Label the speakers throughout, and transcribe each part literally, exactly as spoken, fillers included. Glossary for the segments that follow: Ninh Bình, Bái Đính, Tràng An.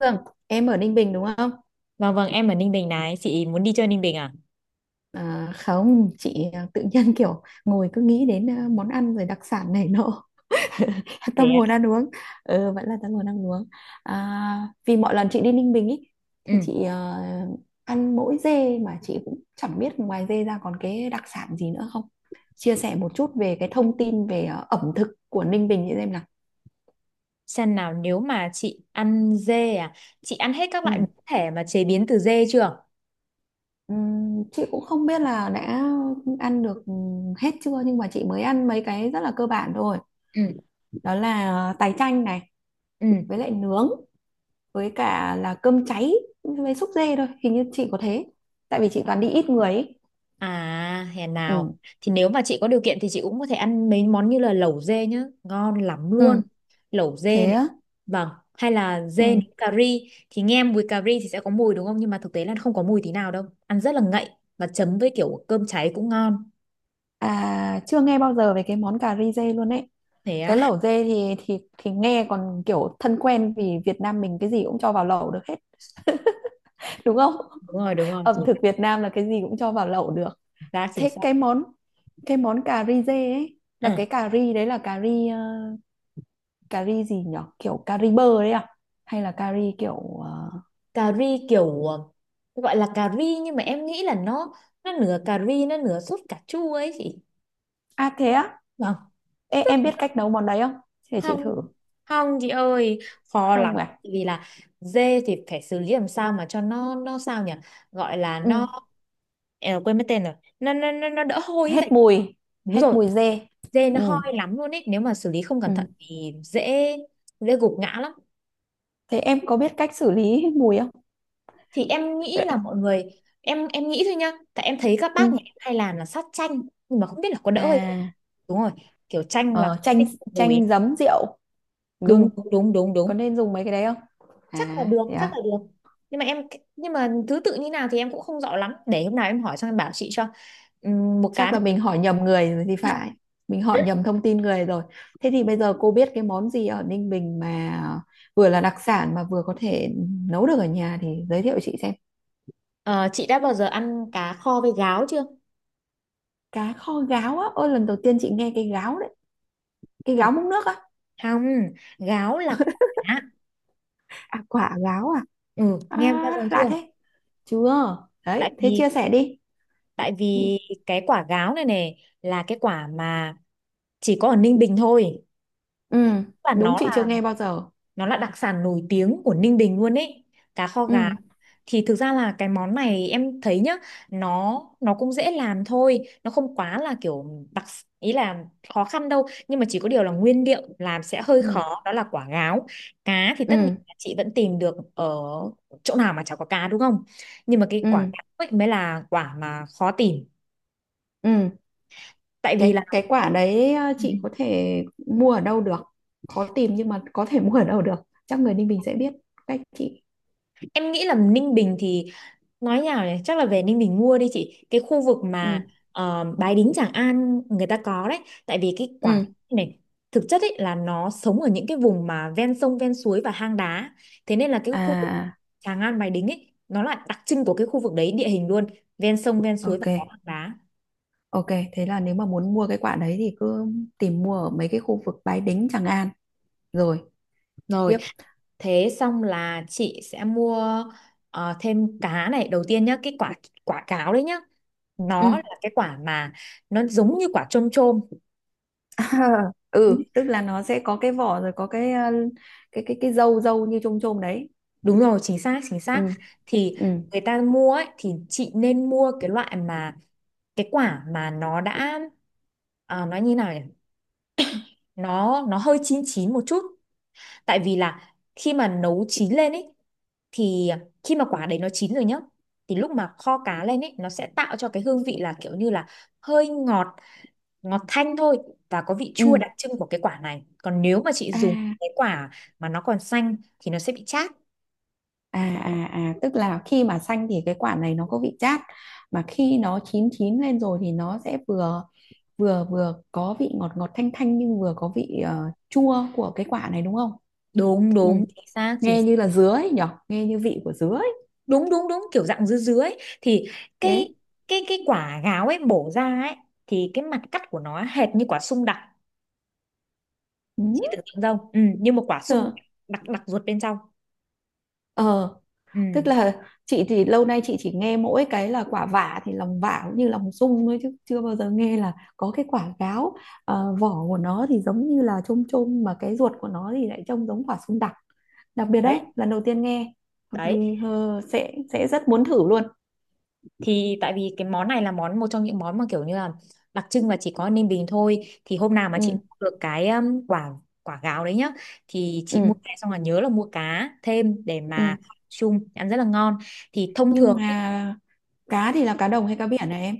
Speaker 1: Vâng, em ở Ninh Bình đúng không?
Speaker 2: Vâng vâng, em ở Ninh Bình này, chị muốn đi chơi Ninh Bình à?
Speaker 1: À, không, chị à, tự nhiên kiểu ngồi cứ nghĩ đến à, món ăn rồi đặc sản này nọ.
Speaker 2: Thế
Speaker 1: Tâm hồn
Speaker 2: ạ.
Speaker 1: ăn uống. Ừ, vẫn là tâm hồn ăn uống. À, vì mọi lần chị đi Ninh Bình ý,
Speaker 2: Ừ,
Speaker 1: thì chị à, ăn mỗi dê mà chị cũng chẳng biết ngoài dê ra còn cái đặc sản gì nữa không. Chia sẻ một chút về cái thông tin về à, ẩm thực của Ninh Bình chị xem nào.
Speaker 2: xem nào nếu mà chị ăn dê à, chị ăn hết các loại biến
Speaker 1: Ừ.
Speaker 2: thể mà chế biến từ dê chưa?
Speaker 1: Ừm, chị cũng không biết là đã ăn được hết chưa nhưng mà chị mới ăn mấy cái rất là cơ bản thôi,
Speaker 2: Ừ,
Speaker 1: đó là tái chanh này,
Speaker 2: ừ.
Speaker 1: với lại nướng, với cả là cơm cháy với xúc dê thôi, hình như chị có thế, tại vì chị toàn đi ít người ấy.
Speaker 2: À, hèn nào.
Speaker 1: Ừ.
Speaker 2: Thì nếu mà chị có điều kiện thì chị cũng có thể ăn mấy món như là lẩu dê nhá, ngon lắm
Speaker 1: Ừ.
Speaker 2: luôn. Lẩu dê
Speaker 1: Thế
Speaker 2: này.
Speaker 1: á.
Speaker 2: Vâng, hay là
Speaker 1: Ừ.
Speaker 2: dê nấu cà ri thì nghe mùi cà ri thì sẽ có mùi đúng không? Nhưng mà thực tế là không có mùi tí nào đâu. Ăn rất là ngậy và chấm với kiểu cơm cháy cũng ngon.
Speaker 1: À, chưa nghe bao giờ về cái món cà ri dê luôn ấy.
Speaker 2: Thế
Speaker 1: Cái
Speaker 2: á,
Speaker 1: lẩu dê thì thì thì nghe còn kiểu thân quen, vì Việt Nam mình cái gì cũng cho vào lẩu được hết. Đúng không?
Speaker 2: đúng rồi, đúng rồi,
Speaker 1: Ẩm
Speaker 2: chính
Speaker 1: thực
Speaker 2: xác,
Speaker 1: Việt Nam là cái gì cũng cho vào lẩu được.
Speaker 2: chính xác. Chính
Speaker 1: Thế cái món, cái món cà ri dê ấy là
Speaker 2: xác.
Speaker 1: cái cà ri đấy, là cà ri ờ, cà ri gì nhở, kiểu cà ri bơ đấy à, hay là cà ri kiểu ờ,
Speaker 2: Cà ri kiểu ờ, gọi là cà ri nhưng mà em nghĩ là nó nó nửa cà ri, nó nửa sốt cà chua ấy chị.
Speaker 1: à thế á.
Speaker 2: Vâng.
Speaker 1: Ê, em biết cách nấu món đấy không, để chị
Speaker 2: Không
Speaker 1: thử.
Speaker 2: không, chị ơi, khó lắm.
Speaker 1: Không à.
Speaker 2: Tại vì là dê thì phải xử lý làm sao mà cho nó nó sao nhỉ, gọi là nó,
Speaker 1: Ừ.
Speaker 2: em quên mất tên rồi, nó nó nó, nó đỡ hôi ấy, tại...
Speaker 1: Hết mùi.
Speaker 2: Đúng
Speaker 1: Hết
Speaker 2: rồi,
Speaker 1: mùi dê.
Speaker 2: dê nó
Speaker 1: Ừ.
Speaker 2: hôi lắm luôn ấy, nếu mà xử lý không cẩn thận
Speaker 1: Ừ.
Speaker 2: thì dễ dễ gục ngã lắm.
Speaker 1: Thế em có biết cách xử lý hết mùi không?
Speaker 2: Thì em nghĩ là mọi người, em em nghĩ thôi nhá, tại em thấy các bác nhà
Speaker 1: Ừ.
Speaker 2: em hay làm là sát chanh, nhưng mà không biết là có đỡ hay...
Speaker 1: À.
Speaker 2: Đúng rồi, kiểu chanh là
Speaker 1: ờ, Chanh,
Speaker 2: thích mùi.
Speaker 1: chanh giấm rượu
Speaker 2: Đúng
Speaker 1: gừng,
Speaker 2: đúng đúng đúng đúng,
Speaker 1: có nên dùng mấy cái đấy không?
Speaker 2: chắc là
Speaker 1: À
Speaker 2: được,
Speaker 1: thế
Speaker 2: chắc
Speaker 1: à.
Speaker 2: là được. Nhưng mà em, nhưng mà thứ tự như nào thì em cũng không rõ lắm, để hôm nào em hỏi xong em bảo chị cho. Ừm, một cái.
Speaker 1: Chắc là mình hỏi nhầm người rồi thì phải, mình hỏi nhầm thông tin người rồi. Thế thì bây giờ cô biết cái món gì ở Ninh Bình mà vừa là đặc sản mà vừa có thể nấu được ở nhà thì giới thiệu chị xem.
Speaker 2: Ờ, chị đã bao giờ ăn cá kho với gáo chưa?
Speaker 1: Cá kho gáo á, ôi lần đầu tiên chị nghe cái gáo đấy. Cái gáo múc nước á?
Speaker 2: Không, gáo là quả.
Speaker 1: À quả gáo à?
Speaker 2: Ừ, nghe bao giờ
Speaker 1: À
Speaker 2: chưa?
Speaker 1: lạ thế. Chưa. Đấy
Speaker 2: tại
Speaker 1: thế
Speaker 2: vì
Speaker 1: chia sẻ đi.
Speaker 2: tại vì cái quả gáo này này là cái quả mà chỉ có ở Ninh Bình thôi,
Speaker 1: Ừ.
Speaker 2: và
Speaker 1: Đúng
Speaker 2: nó
Speaker 1: chị chưa
Speaker 2: là
Speaker 1: nghe bao giờ.
Speaker 2: nó là đặc sản nổi tiếng của Ninh Bình luôn ấy. Cá kho gà
Speaker 1: Ừ.
Speaker 2: thì thực ra là cái món này em thấy nhá, nó nó cũng dễ làm thôi, nó không quá là kiểu đặc ý là khó khăn đâu, nhưng mà chỉ có điều là nguyên liệu làm sẽ hơi
Speaker 1: Ừ.
Speaker 2: khó, đó là quả gáo. Cá thì
Speaker 1: Ừ.
Speaker 2: tất nhiên là chị vẫn tìm được ở chỗ nào mà chả có cá đúng không, nhưng mà cái quả
Speaker 1: Ừ.
Speaker 2: gáo ấy mới là quả mà khó tìm.
Speaker 1: Ừ.
Speaker 2: Tại vì là...
Speaker 1: cái cái quả đấy ờ, chị có thể mua ở đâu được? Khó tìm nhưng mà có thể mua ở đâu được, chắc người Ninh Bình sẽ biết cách chị.
Speaker 2: Em nghĩ là Ninh Bình thì, nói nhào này, chắc là về Ninh Bình mua đi chị, cái khu vực
Speaker 1: Ừ.
Speaker 2: mà ờ, Bái Đính Tràng An người ta có đấy. Tại vì cái quả
Speaker 1: Ừ.
Speaker 2: này thực chất ấy là nó sống ở những cái vùng mà ven sông ven suối và hang đá, thế nên là cái
Speaker 1: À.
Speaker 2: khu vực
Speaker 1: À.
Speaker 2: Tràng An Bái Đính ấy nó là đặc trưng của cái khu vực đấy, địa hình luôn ven sông ven
Speaker 1: À.
Speaker 2: suối và
Speaker 1: Ok.
Speaker 2: có hang đá.
Speaker 1: Ok. Thế là nếu mà muốn mua cái quả đấy thì cứ tìm mua ở mấy cái khu vực Bái Đính Tràng An. Rồi.
Speaker 2: Rồi.
Speaker 1: Tiếp.
Speaker 2: Thế xong là chị sẽ mua ờ, thêm cá này đầu tiên nhá, cái quả quả cáo đấy nhá,
Speaker 1: Ừ.
Speaker 2: nó là cái quả mà nó giống như quả chôm chôm.
Speaker 1: Ừ, tức là nó sẽ có cái vỏ rồi có cái ờ, cái cái cái dâu dâu như chôm chôm đấy.
Speaker 2: Đúng rồi, chính xác, chính
Speaker 1: Ừ.
Speaker 2: xác. Thì
Speaker 1: Ừ.
Speaker 2: người ta mua ấy, thì chị nên mua cái loại mà, cái quả mà nó đã, à, nói như nào nhỉ? Nó nó hơi chín chín một chút. Tại vì là khi mà nấu chín lên ấy thì khi mà quả đấy nó chín rồi nhá thì lúc mà kho cá lên ấy nó sẽ tạo cho cái hương vị là kiểu như là hơi ngọt, ngọt thanh thôi, và có vị chua
Speaker 1: Ừ.
Speaker 2: đặc trưng của cái quả này, còn nếu mà chị
Speaker 1: À.
Speaker 2: dùng cái quả mà nó còn xanh thì nó sẽ bị chát.
Speaker 1: À, à, à, tức là khi mà xanh thì cái quả này nó có vị chát, mà khi nó chín chín lên rồi thì nó sẽ vừa, vừa vừa có vị ngọt ngọt thanh thanh nhưng vừa có vị ờ, chua của cái quả này đúng không?
Speaker 2: Đúng
Speaker 1: Ừ.
Speaker 2: đúng chính xác chính.
Speaker 1: Nghe như là dứa ấy nhở, nghe như vị của dứa ấy.
Speaker 2: Đúng đúng đúng, kiểu dạng dứa dứa ấy, thì cái
Speaker 1: Thế.
Speaker 2: cái cái quả gáo ấy bổ ra ấy, thì cái mặt cắt của nó hệt như quả sung đặc.
Speaker 1: Ừ.
Speaker 2: Chị tưởng tượng không? Ừ, như một quả sung đặc, đặc ruột bên trong.
Speaker 1: Ờ.
Speaker 2: Ừ.
Speaker 1: Tức là chị thì lâu nay chị chỉ nghe mỗi cái là quả vả thì lòng vả cũng như lòng sung thôi chứ chưa bao giờ nghe là có cái quả gáo. Ờ, vỏ của nó thì giống như là chôm chôm mà cái ruột của nó thì lại trông giống quả sung đặc, đặc biệt đấy,
Speaker 2: Đấy
Speaker 1: lần đầu tiên nghe. Hợp
Speaker 2: đấy.
Speaker 1: lý. hơ, sẽ sẽ rất muốn thử luôn.
Speaker 2: Thì tại vì cái món này là món một trong những món mà kiểu như là đặc trưng và chỉ có Ninh Bình thôi, thì hôm nào mà
Speaker 1: Ừ.
Speaker 2: chị mua được cái um, quả quả gáo đấy nhá, thì chị mua
Speaker 1: Ừ.
Speaker 2: về xong là nhớ là mua cá thêm để mà
Speaker 1: Ừ.
Speaker 2: chung ăn rất là ngon. Thì thông
Speaker 1: Nhưng
Speaker 2: thường,
Speaker 1: mà cá thì là cá đồng hay cá biển này em?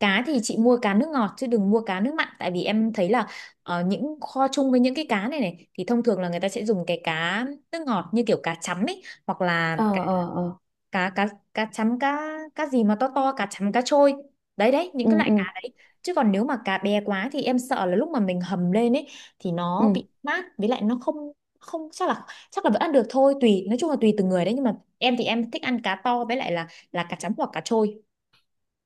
Speaker 2: cá thì chị mua cá nước ngọt chứ đừng mua cá nước mặn, tại vì em thấy là ờ, những kho chung với những cái cá này này thì thông thường là người ta sẽ dùng cái cá nước ngọt như kiểu cá chấm ấy, hoặc là
Speaker 1: Ờ
Speaker 2: cá
Speaker 1: ờ ờ.
Speaker 2: cá cá cá chấm, cá cá gì mà to to, cá chấm cá trôi, đấy đấy, những
Speaker 1: Ừ
Speaker 2: cái loại
Speaker 1: ừ
Speaker 2: cá đấy. Chứ còn nếu mà cá bé quá thì em sợ là lúc mà mình hầm lên ấy thì
Speaker 1: ừ.
Speaker 2: nó bị mát, với lại nó không, không chắc là, chắc là vẫn ăn được thôi, tùy, nói chung là tùy từng người đấy, nhưng mà em thì em thích ăn cá to, với lại là là cá chấm hoặc cá trôi.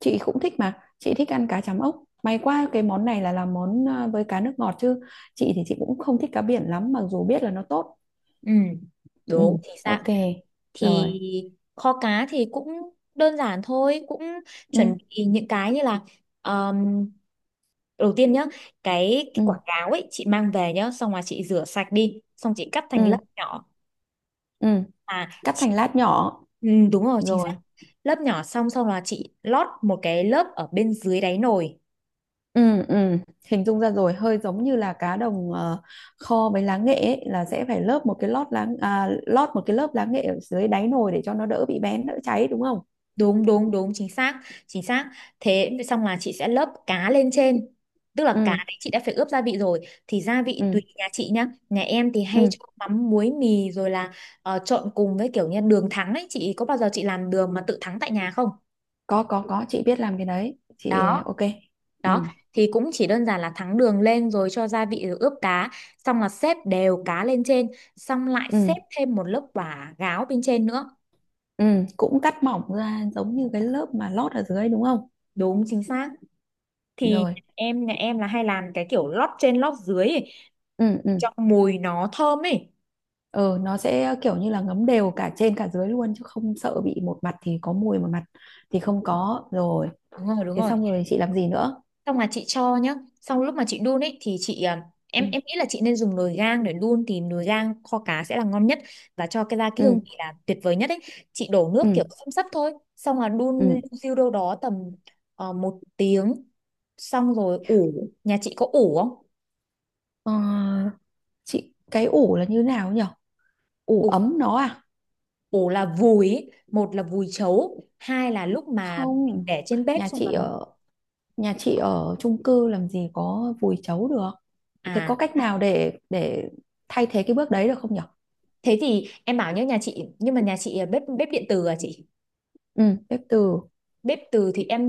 Speaker 1: Chị cũng thích mà, chị thích ăn cá chấm, ốc may quá cái món này là làm món à, với cá nước ngọt chứ. Chị thì chị cũng không thích cá biển lắm mặc dù biết là nó tốt.
Speaker 2: Ừ
Speaker 1: Ừ.
Speaker 2: đúng thì sao,
Speaker 1: Ok.
Speaker 2: thì
Speaker 1: Rồi.
Speaker 2: kho cá thì cũng đơn giản thôi, cũng
Speaker 1: Ừ.
Speaker 2: chuẩn bị những cái như là um, đầu tiên nhá, cái, cái
Speaker 1: Ừ.
Speaker 2: quả cáo ấy chị mang về nhá, xong rồi chị rửa sạch đi, xong chị cắt thành
Speaker 1: Ừ.
Speaker 2: lớp nhỏ.
Speaker 1: Ừ.
Speaker 2: à
Speaker 1: Cắt
Speaker 2: chị-
Speaker 1: thành lát nhỏ.
Speaker 2: ừ, đúng rồi chính xác.
Speaker 1: Rồi.
Speaker 2: Lớp nhỏ xong xong là chị lót một cái lớp ở bên dưới đáy nồi.
Speaker 1: Ừ. Ừ. Hình dung ra rồi, hơi giống như là cá đồng ờ, kho với lá nghệ ấy, là sẽ phải lớp một cái lót lá, à, lót một cái lớp lá nghệ ở dưới đáy nồi để cho nó đỡ bị bén, đỡ cháy đúng không?
Speaker 2: Đúng đúng đúng, chính xác chính xác. Thế xong là chị sẽ lớp cá lên trên, tức là
Speaker 1: Ừ.
Speaker 2: cá đấy chị đã phải ướp gia vị rồi, thì gia vị tùy
Speaker 1: Ừ.
Speaker 2: nhà chị nhá, nhà em thì hay
Speaker 1: Ừ.
Speaker 2: cho mắm muối mì rồi là ờ, trộn cùng với kiểu như đường thắng ấy, chị có bao giờ chị làm đường mà tự thắng tại nhà không?
Speaker 1: có có có chị biết làm cái đấy chị.
Speaker 2: Đó
Speaker 1: Ok. Ừ.
Speaker 2: đó, thì cũng chỉ đơn giản là thắng đường lên rồi cho gia vị rồi ướp cá, xong là xếp đều cá lên trên, xong lại xếp
Speaker 1: Ừ.
Speaker 2: thêm một lớp quả gáo bên trên nữa.
Speaker 1: Ừ. Cũng cắt mỏng ra giống như cái lớp mà lót ở dưới đúng không?
Speaker 2: Đúng chính xác. Thì
Speaker 1: Rồi.
Speaker 2: em nhà em là hay làm cái kiểu lót trên lót dưới
Speaker 1: Ừ. Ừ.
Speaker 2: cho mùi nó thơm ấy.
Speaker 1: Ừ. Nó sẽ ờ, kiểu như là ngấm đều cả trên cả dưới luôn chứ không sợ bị một mặt thì có mùi, một mặt thì không có rồi.
Speaker 2: Đúng rồi đúng
Speaker 1: Thế
Speaker 2: rồi.
Speaker 1: xong rồi chị làm gì nữa?
Speaker 2: Xong là chị cho nhá. Xong lúc mà chị đun ấy thì chị à, em
Speaker 1: Ừ.
Speaker 2: em nghĩ là chị nên dùng nồi gang để đun, thì nồi gang kho cá sẽ là ngon nhất và cho cái ra cái
Speaker 1: Ừ.
Speaker 2: hương vị là tuyệt vời nhất ấy. Chị đổ
Speaker 1: Ừ.
Speaker 2: nước kiểu xăm xắp thôi, xong là
Speaker 1: Ừ.
Speaker 2: đun siêu đâu đó tầm ờ, một tiếng, xong rồi ủ. Nhà chị có ủ không?
Speaker 1: ờ, chị cái ủ là như nào nhỉ, ủ
Speaker 2: Ủ,
Speaker 1: ấm nó à?
Speaker 2: ủ là vùi ấy. Một là vùi chấu, hai là lúc mà mình
Speaker 1: Không,
Speaker 2: để trên bếp
Speaker 1: nhà
Speaker 2: xong
Speaker 1: chị
Speaker 2: rồi.
Speaker 1: ở, nhà chị ở chung cư làm gì có vùi chấu được. Thế có
Speaker 2: à
Speaker 1: cách nào để để thay thế cái bước đấy được không nhỉ?
Speaker 2: Thế thì em bảo nhớ nhà chị, nhưng mà nhà chị à, bếp bếp điện từ à chị?
Speaker 1: Ừ. Bếp từ.
Speaker 2: Bếp từ thì em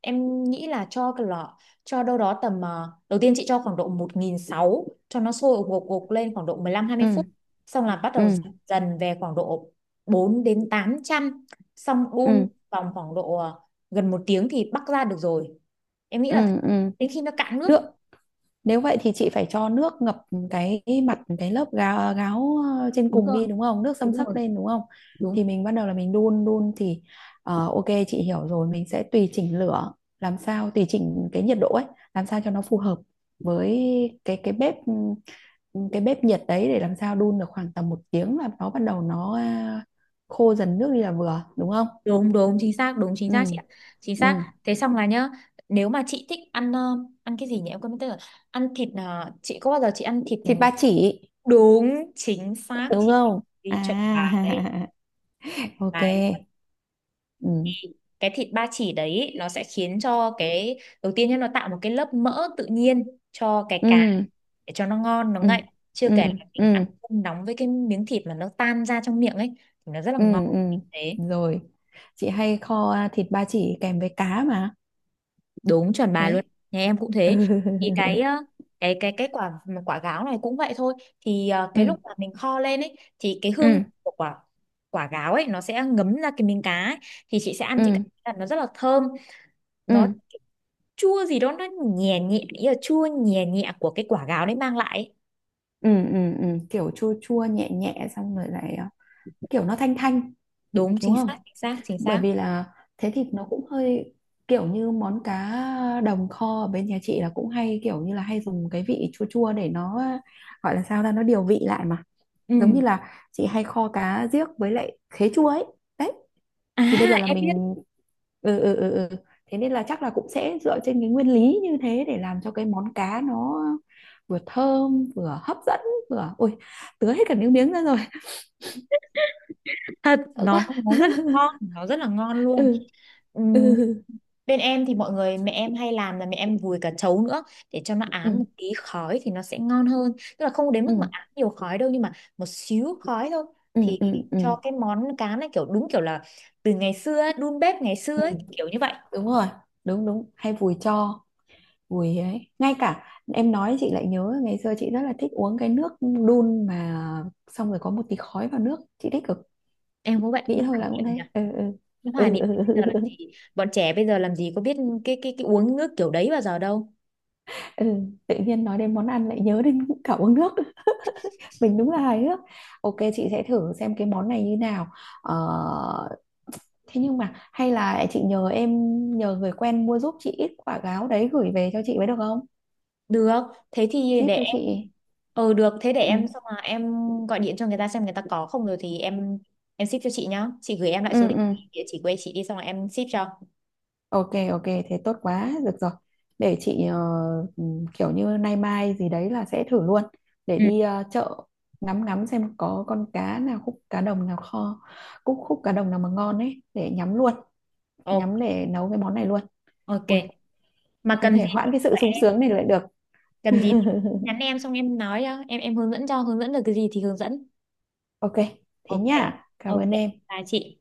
Speaker 2: em nghĩ là cho cái lọ, cho đâu đó tầm ờ, đầu tiên chị cho khoảng độ một nghìn sáu trăm cho nó sôi gục gục lên khoảng độ mười lăm hai mươi
Speaker 1: Ừ.
Speaker 2: phút xong là bắt đầu giảm
Speaker 1: Ừ.
Speaker 2: dần về khoảng độ bốn đến tám trăm. Xong đun
Speaker 1: Ừ.
Speaker 2: vòng khoảng độ ờ, gần một tiếng thì bắc ra được rồi, em nghĩ là thế.
Speaker 1: Ừ. Ừ.
Speaker 2: Đến khi nó cạn nước.
Speaker 1: Nước. Nếu vậy thì chị phải cho nước ngập cái mặt cái lớp gáo, gáo ờ, trên
Speaker 2: Đúng
Speaker 1: cùng
Speaker 2: rồi
Speaker 1: đi đúng không, nước xâm
Speaker 2: đúng
Speaker 1: xấp
Speaker 2: rồi
Speaker 1: lên đúng không? Thì
Speaker 2: đúng
Speaker 1: mình bắt đầu là mình đun đun thì ờ, ok chị hiểu rồi, mình sẽ tùy chỉnh lửa, làm sao tùy chỉnh cái nhiệt độ ấy làm sao cho nó phù hợp với cái cái bếp, ừ, cái bếp nhiệt đấy để làm sao đun được khoảng tầm một tiếng là nó bắt đầu nó à, khô dần nước đi là vừa đúng không?
Speaker 2: đúng đúng chính xác, đúng chính
Speaker 1: Ừ.
Speaker 2: xác chị ạ. Chính xác.
Speaker 1: Ừ.
Speaker 2: Thế xong là nhá, nếu mà chị thích ăn ờ, ăn cái gì nhỉ em quên mất tên rồi, ăn thịt ờ, chị có bao giờ chị ăn thịt...
Speaker 1: Thịt ba chỉ
Speaker 2: Đúng, chính xác
Speaker 1: đúng
Speaker 2: chị,
Speaker 1: không? À
Speaker 2: đi chuẩn bài đây,
Speaker 1: ok.
Speaker 2: bài luôn.
Speaker 1: Ừ.
Speaker 2: Cái thịt ba chỉ đấy ý, nó sẽ khiến cho cái đầu tiên nhá nó tạo một cái lớp mỡ tự nhiên cho cái
Speaker 1: Ừ.
Speaker 2: cá để cho nó ngon nó
Speaker 1: Ừ.
Speaker 2: ngậy, chưa
Speaker 1: Ừ.
Speaker 2: kể là mình ăn
Speaker 1: Ừ.
Speaker 2: cơm nóng với cái miếng thịt mà nó tan ra trong miệng ấy thì nó rất là
Speaker 1: Ừ.
Speaker 2: ngon.
Speaker 1: Ừ.
Speaker 2: Thế.
Speaker 1: Rồi. Chị hay kho à, thịt ba chỉ kèm với cá mà.
Speaker 2: Đúng chuẩn bà luôn,
Speaker 1: Đấy.
Speaker 2: nhà em cũng thế.
Speaker 1: Ừ.
Speaker 2: Thì cái ờ, cái cái cái quả quả gáo này cũng vậy thôi. Thì ờ, cái
Speaker 1: Ừ.
Speaker 2: lúc mà mình kho lên ấy thì cái
Speaker 1: Ừ.
Speaker 2: hương của quả quả gáo ấy nó sẽ ngấm ra cái miếng cá ấy. Thì chị sẽ ăn chị cảm
Speaker 1: Ừ.
Speaker 2: thấy là nó rất là thơm,
Speaker 1: Ừ.
Speaker 2: nó chua gì đó, nó nhẹ nhẹ, ý là chua nhẹ nhẹ của cái quả gáo đấy mang lại ấy.
Speaker 1: Ừ. Ừ. Ừ. Kiểu chua chua nhẹ nhẹ xong rồi lại à, kiểu nó thanh thanh
Speaker 2: Đúng
Speaker 1: đúng
Speaker 2: chính
Speaker 1: không?
Speaker 2: xác chính xác chính
Speaker 1: Bởi
Speaker 2: xác.
Speaker 1: vì là thế thì nó cũng hơi kiểu như món cá đồng kho ở bên nhà chị là cũng hay kiểu như là hay dùng cái vị chua chua để nó gọi là sao ra nó điều vị lại mà, giống
Speaker 2: Ừ
Speaker 1: như là chị hay kho cá riếc với lại khế chua ấy. Đấy.
Speaker 2: à
Speaker 1: Thì bây giờ là
Speaker 2: em biết
Speaker 1: mình. Ừ. Ừ. Ừ. Ừ. Thế nên là chắc là cũng sẽ dựa trên cái nguyên lý như thế để làm cho cái món cá nó vừa thơm vừa hấp dẫn, vừa ôi, tứa hết cả nước miếng ra rồi.
Speaker 2: thật,
Speaker 1: Sợ
Speaker 2: nó
Speaker 1: quá.
Speaker 2: nó rất là ngon, nó rất là ngon luôn.
Speaker 1: Ừ.
Speaker 2: Ừ,
Speaker 1: Ừ.
Speaker 2: bên em thì mọi người, mẹ em hay làm là mẹ em vùi cả trấu nữa để cho nó
Speaker 1: Ừ.
Speaker 2: ám một tí khói thì nó sẽ ngon hơn. Tức là không đến
Speaker 1: Ừ.
Speaker 2: mức mà ám nhiều khói đâu, nhưng mà một xíu khói thôi,
Speaker 1: Ừ.
Speaker 2: thì
Speaker 1: Ừ. Ừ.
Speaker 2: cho cái món cá này kiểu đúng kiểu là từ ngày xưa ấy, đun bếp ngày xưa
Speaker 1: Ừ.
Speaker 2: ấy, kiểu như vậy.
Speaker 1: Đúng rồi. Đúng đúng, hay vùi cho, vùi ấy. Ngay cả em nói chị lại nhớ ngày xưa chị rất là thích uống cái nước đun mà xong rồi có một tí khói vào nước, chị thích cực.
Speaker 2: Em cũng vậy,
Speaker 1: Nghĩ
Speaker 2: nó
Speaker 1: thôi
Speaker 2: hoài
Speaker 1: là cũng
Speaker 2: niệm nhỉ.
Speaker 1: thế. Ừ. Ừ.
Speaker 2: Nó hoài
Speaker 1: Ừ.
Speaker 2: niệm.
Speaker 1: Ừ. Ừ.
Speaker 2: Bây giờ
Speaker 1: Ừ.
Speaker 2: làm
Speaker 1: Ừ.
Speaker 2: gì, bọn trẻ bây giờ làm gì có biết cái cái cái uống nước kiểu đấy bao giờ đâu.
Speaker 1: Ừ. tự nhiên nói đến món ăn lại nhớ đến cả uống nước, mình đúng là hài hước. Ok chị sẽ thử xem cái món này như nào. ờ, thế nhưng mà hay là chị nhờ em, nhờ người quen mua giúp chị ít quả gáo đấy gửi về cho chị mới được không,
Speaker 2: Được, thế thì
Speaker 1: ship
Speaker 2: để
Speaker 1: cho
Speaker 2: em.
Speaker 1: chị.
Speaker 2: Ừ được, thế để
Speaker 1: Ừ.
Speaker 2: em xong mà em gọi điện cho người ta xem người ta có không, rồi thì em em ship cho chị nhá. Chị gửi em lại
Speaker 1: Ừ,
Speaker 2: số địa
Speaker 1: ừ.
Speaker 2: địa chỉ quê chị đi xong rồi em ship cho.
Speaker 1: Ok ok, thế tốt quá được rồi. Để chị ờ, ừ, kiểu như nay mai gì đấy là sẽ thử luôn, để
Speaker 2: Ừ,
Speaker 1: đi ờ, chợ, ngắm ngắm xem có con cá nào, khúc cá đồng nào kho, khúc khúc cá đồng nào mà ngon ấy để nhắm luôn, nhắm
Speaker 2: ok.
Speaker 1: để nấu cái món này luôn.
Speaker 2: Ok.
Speaker 1: Ui,
Speaker 2: Mà
Speaker 1: không
Speaker 2: cần gì
Speaker 1: thể
Speaker 2: thì
Speaker 1: hoãn
Speaker 2: cứ
Speaker 1: cái sự
Speaker 2: gọi
Speaker 1: sung
Speaker 2: em,
Speaker 1: sướng này lại được.
Speaker 2: cần gì thì nhắn em xong em nói cho, em em hướng dẫn cho, hướng dẫn được cái gì thì hướng dẫn.
Speaker 1: Ok thế
Speaker 2: Ok.
Speaker 1: nhá, cảm
Speaker 2: Ok.
Speaker 1: ơn em.
Speaker 2: Là chị.